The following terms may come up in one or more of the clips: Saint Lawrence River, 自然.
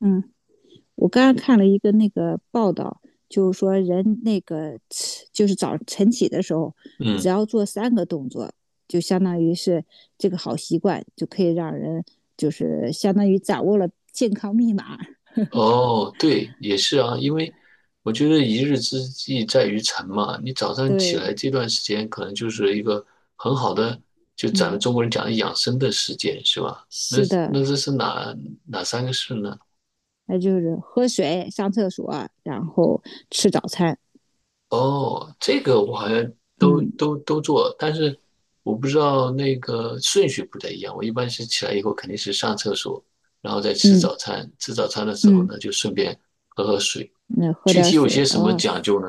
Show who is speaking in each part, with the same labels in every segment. Speaker 1: 嗯，我刚刚看了一个那个报道，就是说人那个起就是早晨起的时候，只
Speaker 2: 嗯，
Speaker 1: 要做三个动作，就相当于是这个好习惯，就可以让人就是相当于掌握了健康密码。
Speaker 2: 哦，对，也是啊，因为我觉得一日之计在于晨嘛，你早上起
Speaker 1: 对，
Speaker 2: 来这段时间可能就是一个很好的，就咱
Speaker 1: 嗯，
Speaker 2: 们中国人讲的养生的时间，是吧？那
Speaker 1: 是的，
Speaker 2: 那这是哪三个事呢？
Speaker 1: 那就是喝水、上厕所，然后吃早餐。
Speaker 2: 哦，这个我好像都
Speaker 1: 嗯
Speaker 2: 都都做，但是我不知道那个顺序不太一样。我一般是起来以后肯定是上厕所，然后再吃
Speaker 1: 嗯
Speaker 2: 早餐，吃早餐的时候
Speaker 1: 嗯，
Speaker 2: 呢就顺便喝喝水。
Speaker 1: 那喝
Speaker 2: 具
Speaker 1: 点
Speaker 2: 体有些
Speaker 1: 水啊，
Speaker 2: 什么
Speaker 1: 哦
Speaker 2: 讲究呢？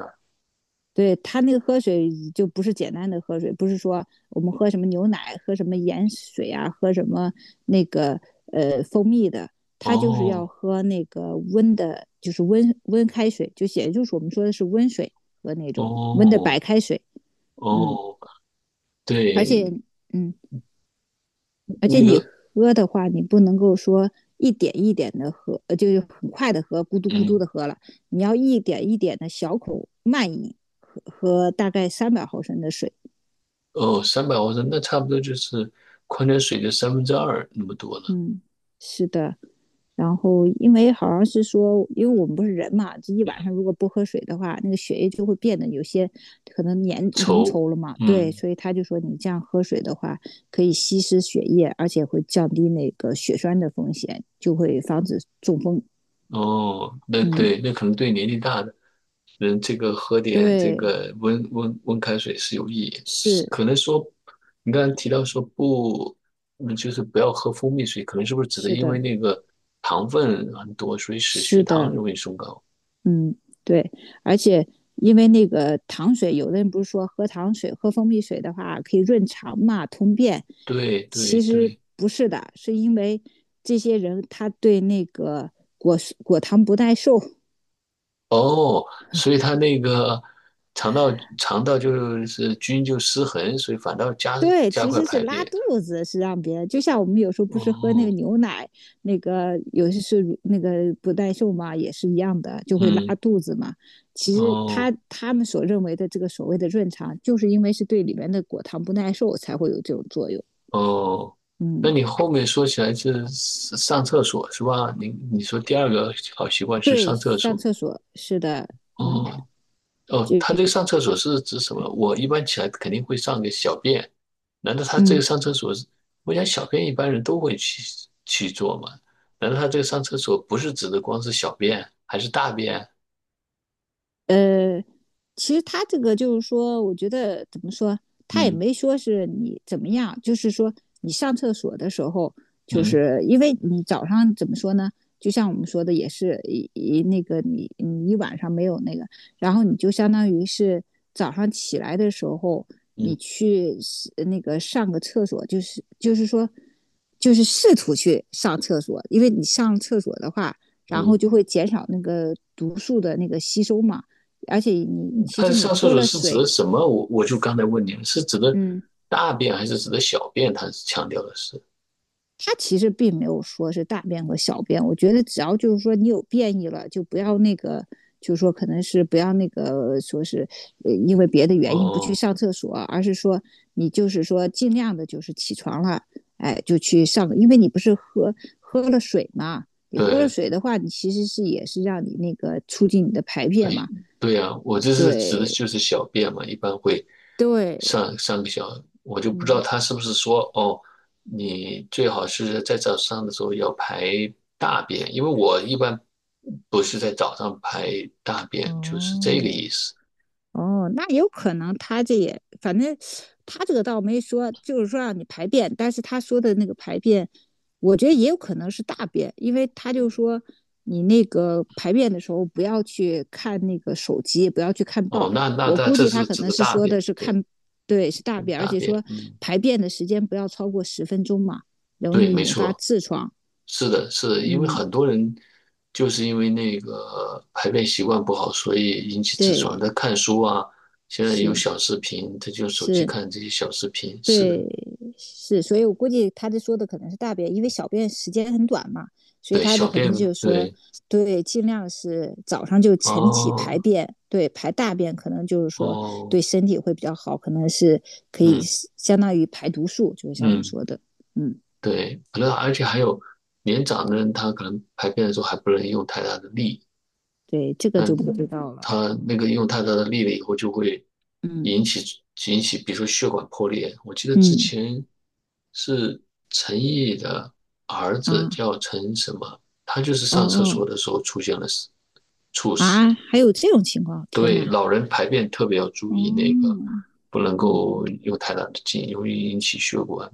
Speaker 1: 对它那个喝水就不是简单的喝水，不是说我们喝什么牛奶、喝什么盐水啊、喝什么那个蜂蜜的，它就是要
Speaker 2: 哦
Speaker 1: 喝那个温的，就是温温开水，就也就是我们说的是温水和那种温的白
Speaker 2: 哦
Speaker 1: 开水。嗯，
Speaker 2: 哦，
Speaker 1: 而且
Speaker 2: 对，
Speaker 1: 嗯，而且
Speaker 2: 那
Speaker 1: 你
Speaker 2: 个，
Speaker 1: 喝的话，你不能够说一点一点的喝，就是很快的喝，咕嘟咕嘟的
Speaker 2: 嗯，
Speaker 1: 喝了，你要一点一点的小口慢饮，喝大概300毫升的水。
Speaker 2: 哦，300毫升，那差不多就是矿泉水的三分之二那么多了。
Speaker 1: 嗯，是的。然后因为好像是说，因为我们不是人嘛，这一晚上如果不喝水的话，那个血液就会变得有些可能粘浓
Speaker 2: 稠，
Speaker 1: 稠了嘛。对，
Speaker 2: 嗯，
Speaker 1: 所以他就说你这样喝水的话，可以稀释血液，而且会降低那个血栓的风险，就会防止中风。
Speaker 2: 哦，那
Speaker 1: 嗯，
Speaker 2: 对，那可能对年纪大的人，这个喝点这
Speaker 1: 对，
Speaker 2: 个温温开水是有意义。是
Speaker 1: 是
Speaker 2: 可能说，你刚才提到说不，就是不要喝蜂蜜水，可能是不是指的
Speaker 1: 是
Speaker 2: 因为
Speaker 1: 的，
Speaker 2: 那个糖分很多，所以使
Speaker 1: 是
Speaker 2: 血糖
Speaker 1: 的。
Speaker 2: 容易升高？
Speaker 1: 嗯，对，而且因为那个糖水，有的人不是说喝糖水、喝蜂蜜水的话可以润肠嘛、通便，
Speaker 2: 对对
Speaker 1: 其实
Speaker 2: 对。
Speaker 1: 不是的，是因为这些人他对那个果果糖不耐受，
Speaker 2: 哦，所以它那个肠道肠道就是菌就失衡，所以反倒加
Speaker 1: 对，
Speaker 2: 加
Speaker 1: 其
Speaker 2: 快
Speaker 1: 实是
Speaker 2: 排
Speaker 1: 拉
Speaker 2: 便。
Speaker 1: 肚子，是让别人，就像我们有时候不是喝那个
Speaker 2: 哦，
Speaker 1: 牛奶，那个有些是乳那个不耐受嘛，也是一样的，就会拉
Speaker 2: 嗯，
Speaker 1: 肚子嘛。其实
Speaker 2: 哦
Speaker 1: 他们所认为的这个所谓的润肠，就是因为是对里面的果糖不耐受才会有这种作用。
Speaker 2: 哦，
Speaker 1: 嗯，
Speaker 2: 那你后面说起来是上厕所是吧？你说第二个好习惯是
Speaker 1: 对，
Speaker 2: 上厕
Speaker 1: 上
Speaker 2: 所。
Speaker 1: 厕所是的，
Speaker 2: 哦，哦，他
Speaker 1: 就
Speaker 2: 这个上厕所是指什么？我一般起来肯定会上个小便，难道他这个
Speaker 1: 嗯
Speaker 2: 上厕所是？我想小便一般人都会去做嘛？难道他这个上厕所不是指的光是小便，还是大便？
Speaker 1: 呃。其实他这个就是说，我觉得怎么说，他也
Speaker 2: 嗯
Speaker 1: 没说是你怎么样，就是说你上厕所的时候，就
Speaker 2: 嗯
Speaker 1: 是因为你早上怎么说呢？就像我们说的，也是那个你一晚上没有那个，然后你就相当于是早上起来的时候，你
Speaker 2: 嗯
Speaker 1: 去那个上个厕所，就是说，就是试图去上厕所，因为你上厕所的话，然后
Speaker 2: 嗯，
Speaker 1: 就会减少那个毒素的那个吸收嘛。而且你其
Speaker 2: 他
Speaker 1: 实你
Speaker 2: 上厕
Speaker 1: 喝
Speaker 2: 所
Speaker 1: 了
Speaker 2: 是指
Speaker 1: 水，
Speaker 2: 的什么？我就刚才问你了，是指的
Speaker 1: 嗯，
Speaker 2: 大便还是指的小便？他强调的是，
Speaker 1: 它其实并没有说是大便和小便。我觉得只要就是说你有便意了，就不要那个，就是说可能是不要那个说是因为别的原因不去
Speaker 2: 哦，
Speaker 1: 上厕所，而是说你就是说尽量的就是起床了，哎，就去上因为你不是喝了水嘛，你喝了
Speaker 2: 对，
Speaker 1: 水的话，你其实是也是让你那个促进你的排
Speaker 2: 哎，
Speaker 1: 便嘛，
Speaker 2: 对呀，我这是指的
Speaker 1: 对
Speaker 2: 就是小便嘛，一般会
Speaker 1: 对，
Speaker 2: 上个小，我就不知
Speaker 1: 嗯。
Speaker 2: 道他是不是说哦，你最好是在早上的时候要排大便，因为我一般不是在早上排大便，就是这个
Speaker 1: 哦，
Speaker 2: 意思。
Speaker 1: 哦，那有可能他这也，反正他这个倒没说，就是说让你排便，但是他说的那个排便，我觉得也有可能是大便，因为他就说你那个排便的时候不要去看那个手机，不要去看
Speaker 2: 哦，
Speaker 1: 报。
Speaker 2: 那那
Speaker 1: 我
Speaker 2: 那
Speaker 1: 估
Speaker 2: 这
Speaker 1: 计他
Speaker 2: 是
Speaker 1: 可
Speaker 2: 指
Speaker 1: 能
Speaker 2: 的
Speaker 1: 是
Speaker 2: 大
Speaker 1: 说的
Speaker 2: 便，
Speaker 1: 是
Speaker 2: 对，
Speaker 1: 看，对，是大便，而
Speaker 2: 大
Speaker 1: 且
Speaker 2: 便，
Speaker 1: 说
Speaker 2: 嗯，
Speaker 1: 排便的时间不要超过10分钟嘛，容
Speaker 2: 对，
Speaker 1: 易
Speaker 2: 没
Speaker 1: 引发
Speaker 2: 错。
Speaker 1: 痔疮。
Speaker 2: 是的，是的，因为
Speaker 1: 嗯，
Speaker 2: 很多人就是因为那个排便习惯不好，所以引起痔疮。
Speaker 1: 对，
Speaker 2: 他看书啊，现在也有
Speaker 1: 是
Speaker 2: 小视频，他就用手机
Speaker 1: 是，
Speaker 2: 看这些小视频。是的，
Speaker 1: 对，是，所以我估计他这说的可能是大便，因为小便时间很短嘛，所以
Speaker 2: 对，
Speaker 1: 他的
Speaker 2: 小
Speaker 1: 可能
Speaker 2: 便，
Speaker 1: 就是说，
Speaker 2: 对，
Speaker 1: 对，尽量是早上就晨起排
Speaker 2: 哦，
Speaker 1: 便，对，排大便可能就是说对
Speaker 2: 哦，
Speaker 1: 身体会比较好，可能是可以
Speaker 2: 嗯
Speaker 1: 相当于排毒素，就是像我们
Speaker 2: 嗯，
Speaker 1: 说的，嗯，
Speaker 2: 对，可能而且还有年长的人，他可能排便的时候还不能用太大的力，
Speaker 1: 对，这个就不知
Speaker 2: 嗯，
Speaker 1: 道了，
Speaker 2: 他那个用太大的力了以后就会
Speaker 1: 嗯
Speaker 2: 引起引起，比如说血管破裂。我记得之
Speaker 1: 嗯
Speaker 2: 前是陈毅的儿子
Speaker 1: 啊，
Speaker 2: 叫陈什么，他就是
Speaker 1: 哦
Speaker 2: 上厕
Speaker 1: 哦
Speaker 2: 所的时候出现了猝死。
Speaker 1: 啊，还有这种情况，天
Speaker 2: 对，
Speaker 1: 呐，
Speaker 2: 老人排便特别要注意那个，
Speaker 1: 哦，
Speaker 2: 不能
Speaker 1: 嗯，
Speaker 2: 够用太大的劲，容易引起血管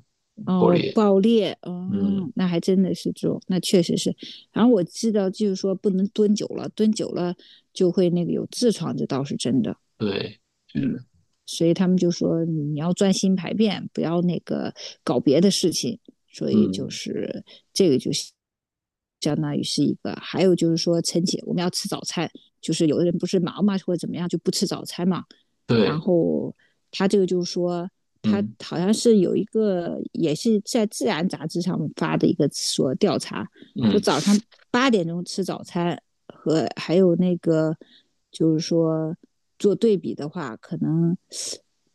Speaker 2: 破
Speaker 1: 哦，
Speaker 2: 裂。
Speaker 1: 爆裂，哦，
Speaker 2: 嗯，
Speaker 1: 那还真的是这种，那确实是。然后我知道，就是说不能蹲久了，蹲久了就会那个有痔疮，这倒是真的。
Speaker 2: 对，是
Speaker 1: 嗯，
Speaker 2: 的，
Speaker 1: 所以他们就说你要专心排便，不要那个搞别的事情。所以就
Speaker 2: 嗯，
Speaker 1: 是这个就相当于是一个，还有就是说晨起我们要吃早餐，就是有的人不是忙嘛或者怎么样就不吃早餐嘛，然
Speaker 2: 对，
Speaker 1: 后他这个就是说。他
Speaker 2: 嗯
Speaker 1: 好像是有一个，也是在《自然》杂志上发的一个说调查，就
Speaker 2: 嗯。
Speaker 1: 早上8点钟吃早餐和还有那个，就是说做对比的话，可能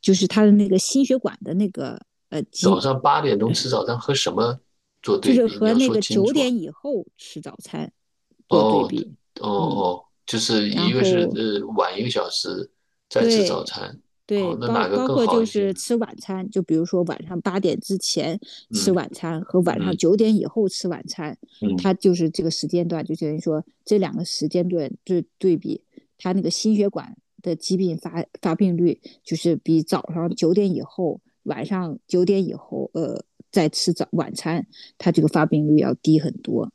Speaker 1: 就是他的那个心血管的那个
Speaker 2: 早
Speaker 1: 疾，
Speaker 2: 上八点钟吃早餐和什么做
Speaker 1: 就
Speaker 2: 对
Speaker 1: 是
Speaker 2: 比？你
Speaker 1: 和
Speaker 2: 要
Speaker 1: 那
Speaker 2: 说
Speaker 1: 个
Speaker 2: 清
Speaker 1: 九
Speaker 2: 楚啊。
Speaker 1: 点以后吃早餐做对
Speaker 2: 哦，
Speaker 1: 比，
Speaker 2: 哦
Speaker 1: 嗯，
Speaker 2: 哦，就是
Speaker 1: 然
Speaker 2: 一个是
Speaker 1: 后
Speaker 2: 晚一个小时再吃早
Speaker 1: 对，
Speaker 2: 餐，
Speaker 1: 对，
Speaker 2: 哦，那哪个
Speaker 1: 包
Speaker 2: 更
Speaker 1: 括
Speaker 2: 好
Speaker 1: 就
Speaker 2: 一些
Speaker 1: 是
Speaker 2: 呢？
Speaker 1: 吃晚餐，就比如说晚上8点之前吃
Speaker 2: 嗯
Speaker 1: 晚餐和晚上
Speaker 2: 嗯
Speaker 1: 九点以后吃晚餐，它
Speaker 2: 嗯，
Speaker 1: 就是这个时间段，就等于说这两个时间段对比，它那个心血管的疾病发病率就是比早上九点以后、晚上九点以后，再吃早晚餐，它这个发病率要低很多。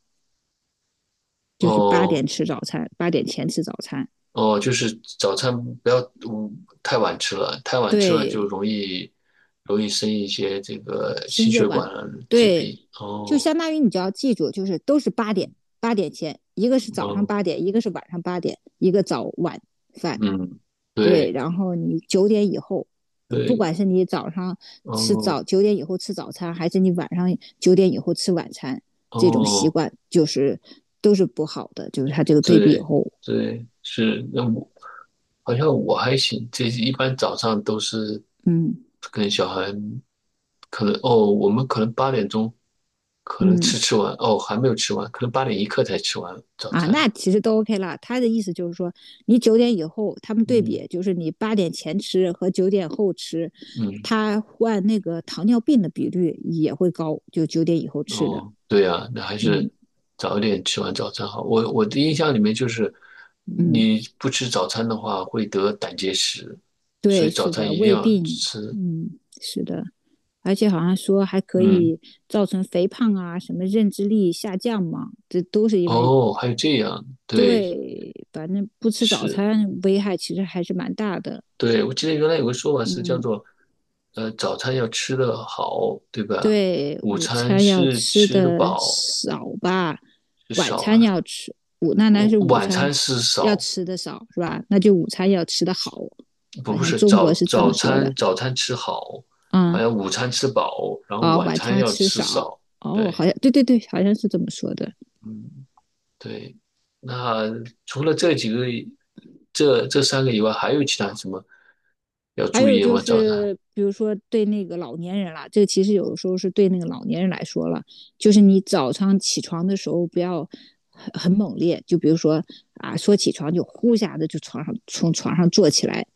Speaker 1: 就是八
Speaker 2: 哦
Speaker 1: 点吃早餐，8点前吃早餐。
Speaker 2: 哦，就是早餐不要太晚吃了，太晚吃了就
Speaker 1: 对，
Speaker 2: 容易生一些这个
Speaker 1: 心
Speaker 2: 心
Speaker 1: 血
Speaker 2: 血
Speaker 1: 管
Speaker 2: 管疾
Speaker 1: 对，
Speaker 2: 病。
Speaker 1: 就
Speaker 2: 哦
Speaker 1: 相当于你就要记住，就是都是八点前，一个是早上
Speaker 2: 哦，
Speaker 1: 八点，一个是晚上八点，一个早晚饭。
Speaker 2: 嗯，
Speaker 1: 对，
Speaker 2: 对
Speaker 1: 然后你九点以后，不
Speaker 2: 对，
Speaker 1: 管是你早上
Speaker 2: 哦
Speaker 1: 九点以后吃早餐，还是你晚上九点以后吃晚餐，这种习
Speaker 2: 哦。
Speaker 1: 惯就是都是不好的，就是它这个对比以
Speaker 2: 对
Speaker 1: 后，
Speaker 2: 对，是，那我好像我还行，这一般早上都是
Speaker 1: 嗯
Speaker 2: 跟小孩，可能哦，我们可能八点钟可能
Speaker 1: 嗯。
Speaker 2: 吃完，哦，还没有吃完，可能8点一刻才吃完早
Speaker 1: 啊，那
Speaker 2: 餐。
Speaker 1: 其实都 OK 了。他的意思就是说，你九点以后，他们对比
Speaker 2: 嗯
Speaker 1: 就是你8点前吃和9点后吃，
Speaker 2: 嗯，
Speaker 1: 他患那个糖尿病的比率也会高，就九点以后吃的。
Speaker 2: 哦，对呀，那还是
Speaker 1: 嗯
Speaker 2: 早一点吃完早餐好。我的印象里面就是，
Speaker 1: 嗯，
Speaker 2: 你不吃早餐的话会得胆结石，所
Speaker 1: 对，
Speaker 2: 以早
Speaker 1: 是
Speaker 2: 餐
Speaker 1: 的，
Speaker 2: 一定
Speaker 1: 胃
Speaker 2: 要
Speaker 1: 病，
Speaker 2: 吃。
Speaker 1: 嗯，是的，而且好像说还可
Speaker 2: 嗯，
Speaker 1: 以造成肥胖啊，什么认知力下降嘛，这都是因为
Speaker 2: 哦，还有这样，对，
Speaker 1: 对，反正不吃早
Speaker 2: 是。
Speaker 1: 餐危害其实还是蛮大的。
Speaker 2: 对，我记得原来有个说法是叫
Speaker 1: 嗯。
Speaker 2: 做，早餐要吃得好，对吧？
Speaker 1: 对，
Speaker 2: 午
Speaker 1: 午
Speaker 2: 餐
Speaker 1: 餐要
Speaker 2: 是
Speaker 1: 吃
Speaker 2: 吃得
Speaker 1: 的
Speaker 2: 饱
Speaker 1: 少吧，
Speaker 2: 是
Speaker 1: 晚
Speaker 2: 少
Speaker 1: 餐
Speaker 2: 啊，
Speaker 1: 要吃，那
Speaker 2: 午
Speaker 1: 是午
Speaker 2: 晚
Speaker 1: 餐
Speaker 2: 餐是
Speaker 1: 要
Speaker 2: 少，
Speaker 1: 吃的少是吧？那就午餐要吃的好，
Speaker 2: 不
Speaker 1: 好
Speaker 2: 不
Speaker 1: 像
Speaker 2: 是
Speaker 1: 中
Speaker 2: 早
Speaker 1: 国是这么
Speaker 2: 早
Speaker 1: 说的
Speaker 2: 餐早餐吃好，好
Speaker 1: 啊
Speaker 2: 像午餐吃饱，然后
Speaker 1: 啊、哦
Speaker 2: 晚
Speaker 1: 晚
Speaker 2: 餐
Speaker 1: 餐
Speaker 2: 要
Speaker 1: 吃
Speaker 2: 吃
Speaker 1: 少
Speaker 2: 少。
Speaker 1: 哦，好
Speaker 2: 对，
Speaker 1: 像对对对，好像是这么说的。
Speaker 2: 嗯，对。那除了这几个，这三个以外，还有其他什么要
Speaker 1: 还
Speaker 2: 注
Speaker 1: 有
Speaker 2: 意
Speaker 1: 就
Speaker 2: 吗？早餐？
Speaker 1: 是，比如说对那个老年人啦，这个其实有的时候是对那个老年人来说了，就是你早上起床的时候不要很猛烈，就比如说啊，说起床就呼下的就从床上坐起来，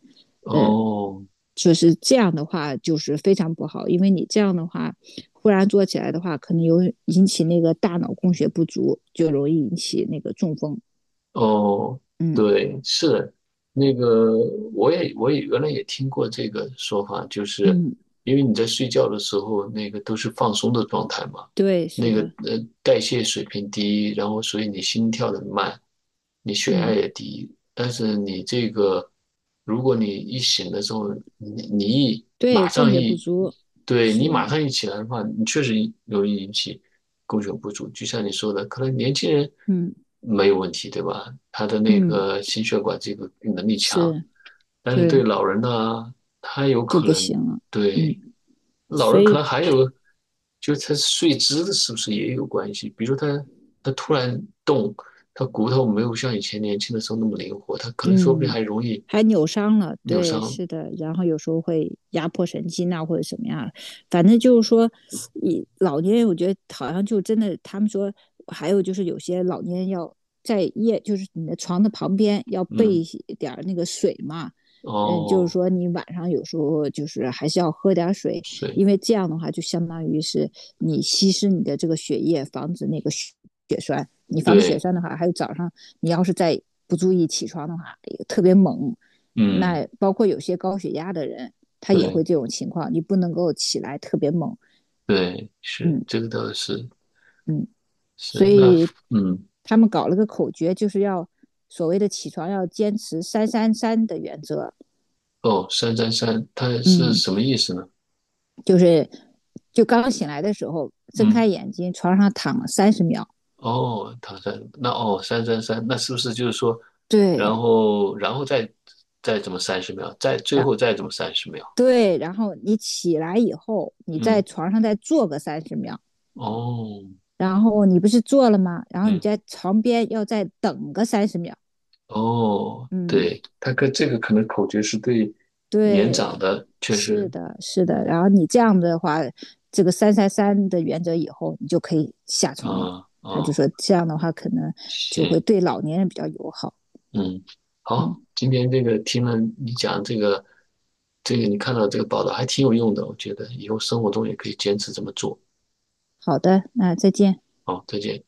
Speaker 2: 哦，
Speaker 1: 就是这样的话就是非常不好，因为你这样的话忽然坐起来的话，可能有引起那个大脑供血不足，就容易引起那个中风。
Speaker 2: 哦，
Speaker 1: 嗯
Speaker 2: 对，是那个，我也原来也听过这个说法，就是
Speaker 1: 嗯，
Speaker 2: 因为你在睡觉的时候，那个都是放松的状态嘛，
Speaker 1: 对，是
Speaker 2: 那个
Speaker 1: 的，
Speaker 2: 代谢水平低，然后所以你心跳的慢，你血压
Speaker 1: 嗯，
Speaker 2: 也低，但是你这个，如果你一醒的时候，你一
Speaker 1: 对，
Speaker 2: 马
Speaker 1: 供
Speaker 2: 上
Speaker 1: 血不
Speaker 2: 一，
Speaker 1: 足
Speaker 2: 对
Speaker 1: 是，
Speaker 2: 你马上一起来的话，你确实容易引起。供血不足。就像你说的，可能年轻人
Speaker 1: 嗯
Speaker 2: 没有问题，对吧？他的那
Speaker 1: 嗯。
Speaker 2: 个心血管这个能力强，
Speaker 1: 是，
Speaker 2: 但是对
Speaker 1: 对，
Speaker 2: 老人呢，他有
Speaker 1: 就
Speaker 2: 可
Speaker 1: 不
Speaker 2: 能
Speaker 1: 行了。
Speaker 2: 对
Speaker 1: 嗯，
Speaker 2: 老
Speaker 1: 所
Speaker 2: 人可
Speaker 1: 以
Speaker 2: 能还有，就是他睡姿的是不是也有关系？比如他突然动，他骨头没有像以前年轻的时候那么灵活，他可能说不定
Speaker 1: 嗯，
Speaker 2: 还容易
Speaker 1: 还扭伤了，
Speaker 2: 扭
Speaker 1: 对，
Speaker 2: 伤。
Speaker 1: 是的，然后有时候会压迫神经啊，或者什么样，反正就是说，你老年人我觉得好像就真的，他们说还有就是有些老年人要在夜，就是你的床的旁边要备一
Speaker 2: 嗯，
Speaker 1: 些点儿那个水嘛，嗯，就是
Speaker 2: 哦，
Speaker 1: 说你晚上有时候就是还是要喝点儿水，
Speaker 2: 睡，
Speaker 1: 因为这样的话就相当于是你稀释你的这个血液，防止那个血栓。你防止血
Speaker 2: 对，
Speaker 1: 栓的话，还有早上你要是再不注意起床的话，也特别猛。
Speaker 2: 嗯，
Speaker 1: 那包括有些高血压的人，他也
Speaker 2: 对。
Speaker 1: 会这种情况，你不能够起来特别猛。
Speaker 2: 对，是，
Speaker 1: 嗯
Speaker 2: 这个倒是
Speaker 1: 嗯，所
Speaker 2: 是，那
Speaker 1: 以
Speaker 2: 嗯。
Speaker 1: 他们搞了个口诀，就是要所谓的起床要坚持三三三的原则。
Speaker 2: 哦，三三三，它是
Speaker 1: 嗯，
Speaker 2: 什么意思呢？
Speaker 1: 就是就刚醒来的时候，睁开
Speaker 2: 嗯，
Speaker 1: 眼睛，床上躺了三十秒。
Speaker 2: 哦，唐山，那哦，三三三，那是不是就是说，然
Speaker 1: 对，
Speaker 2: 后然后再怎么三十秒，再最
Speaker 1: 啊、
Speaker 2: 后再怎么三十秒？
Speaker 1: 对，然后你起来以后，你在
Speaker 2: 嗯，
Speaker 1: 床上再坐个三十秒。
Speaker 2: 哦，
Speaker 1: 然后你不是做了吗？然后你
Speaker 2: 嗯，
Speaker 1: 在床边要再等个三十秒。
Speaker 2: 哦，
Speaker 1: 嗯，
Speaker 2: 对，他跟这个可能口诀是对年长
Speaker 1: 对，
Speaker 2: 的，确
Speaker 1: 是
Speaker 2: 实，
Speaker 1: 的，是的。
Speaker 2: 嗯，
Speaker 1: 然后你这样的话，这个三三三的原则以后，你就可以下床了。
Speaker 2: 啊、
Speaker 1: 他就
Speaker 2: 啊、
Speaker 1: 说这样的话，可能就会
Speaker 2: 行，
Speaker 1: 对老年人比较友好。
Speaker 2: 嗯，好，
Speaker 1: 嗯，
Speaker 2: 今天这个听了你讲这个，这个你看到这个报道还挺有用的，我觉得以后生活中也可以坚持这么做。
Speaker 1: 好的，那再见。
Speaker 2: 好，再见。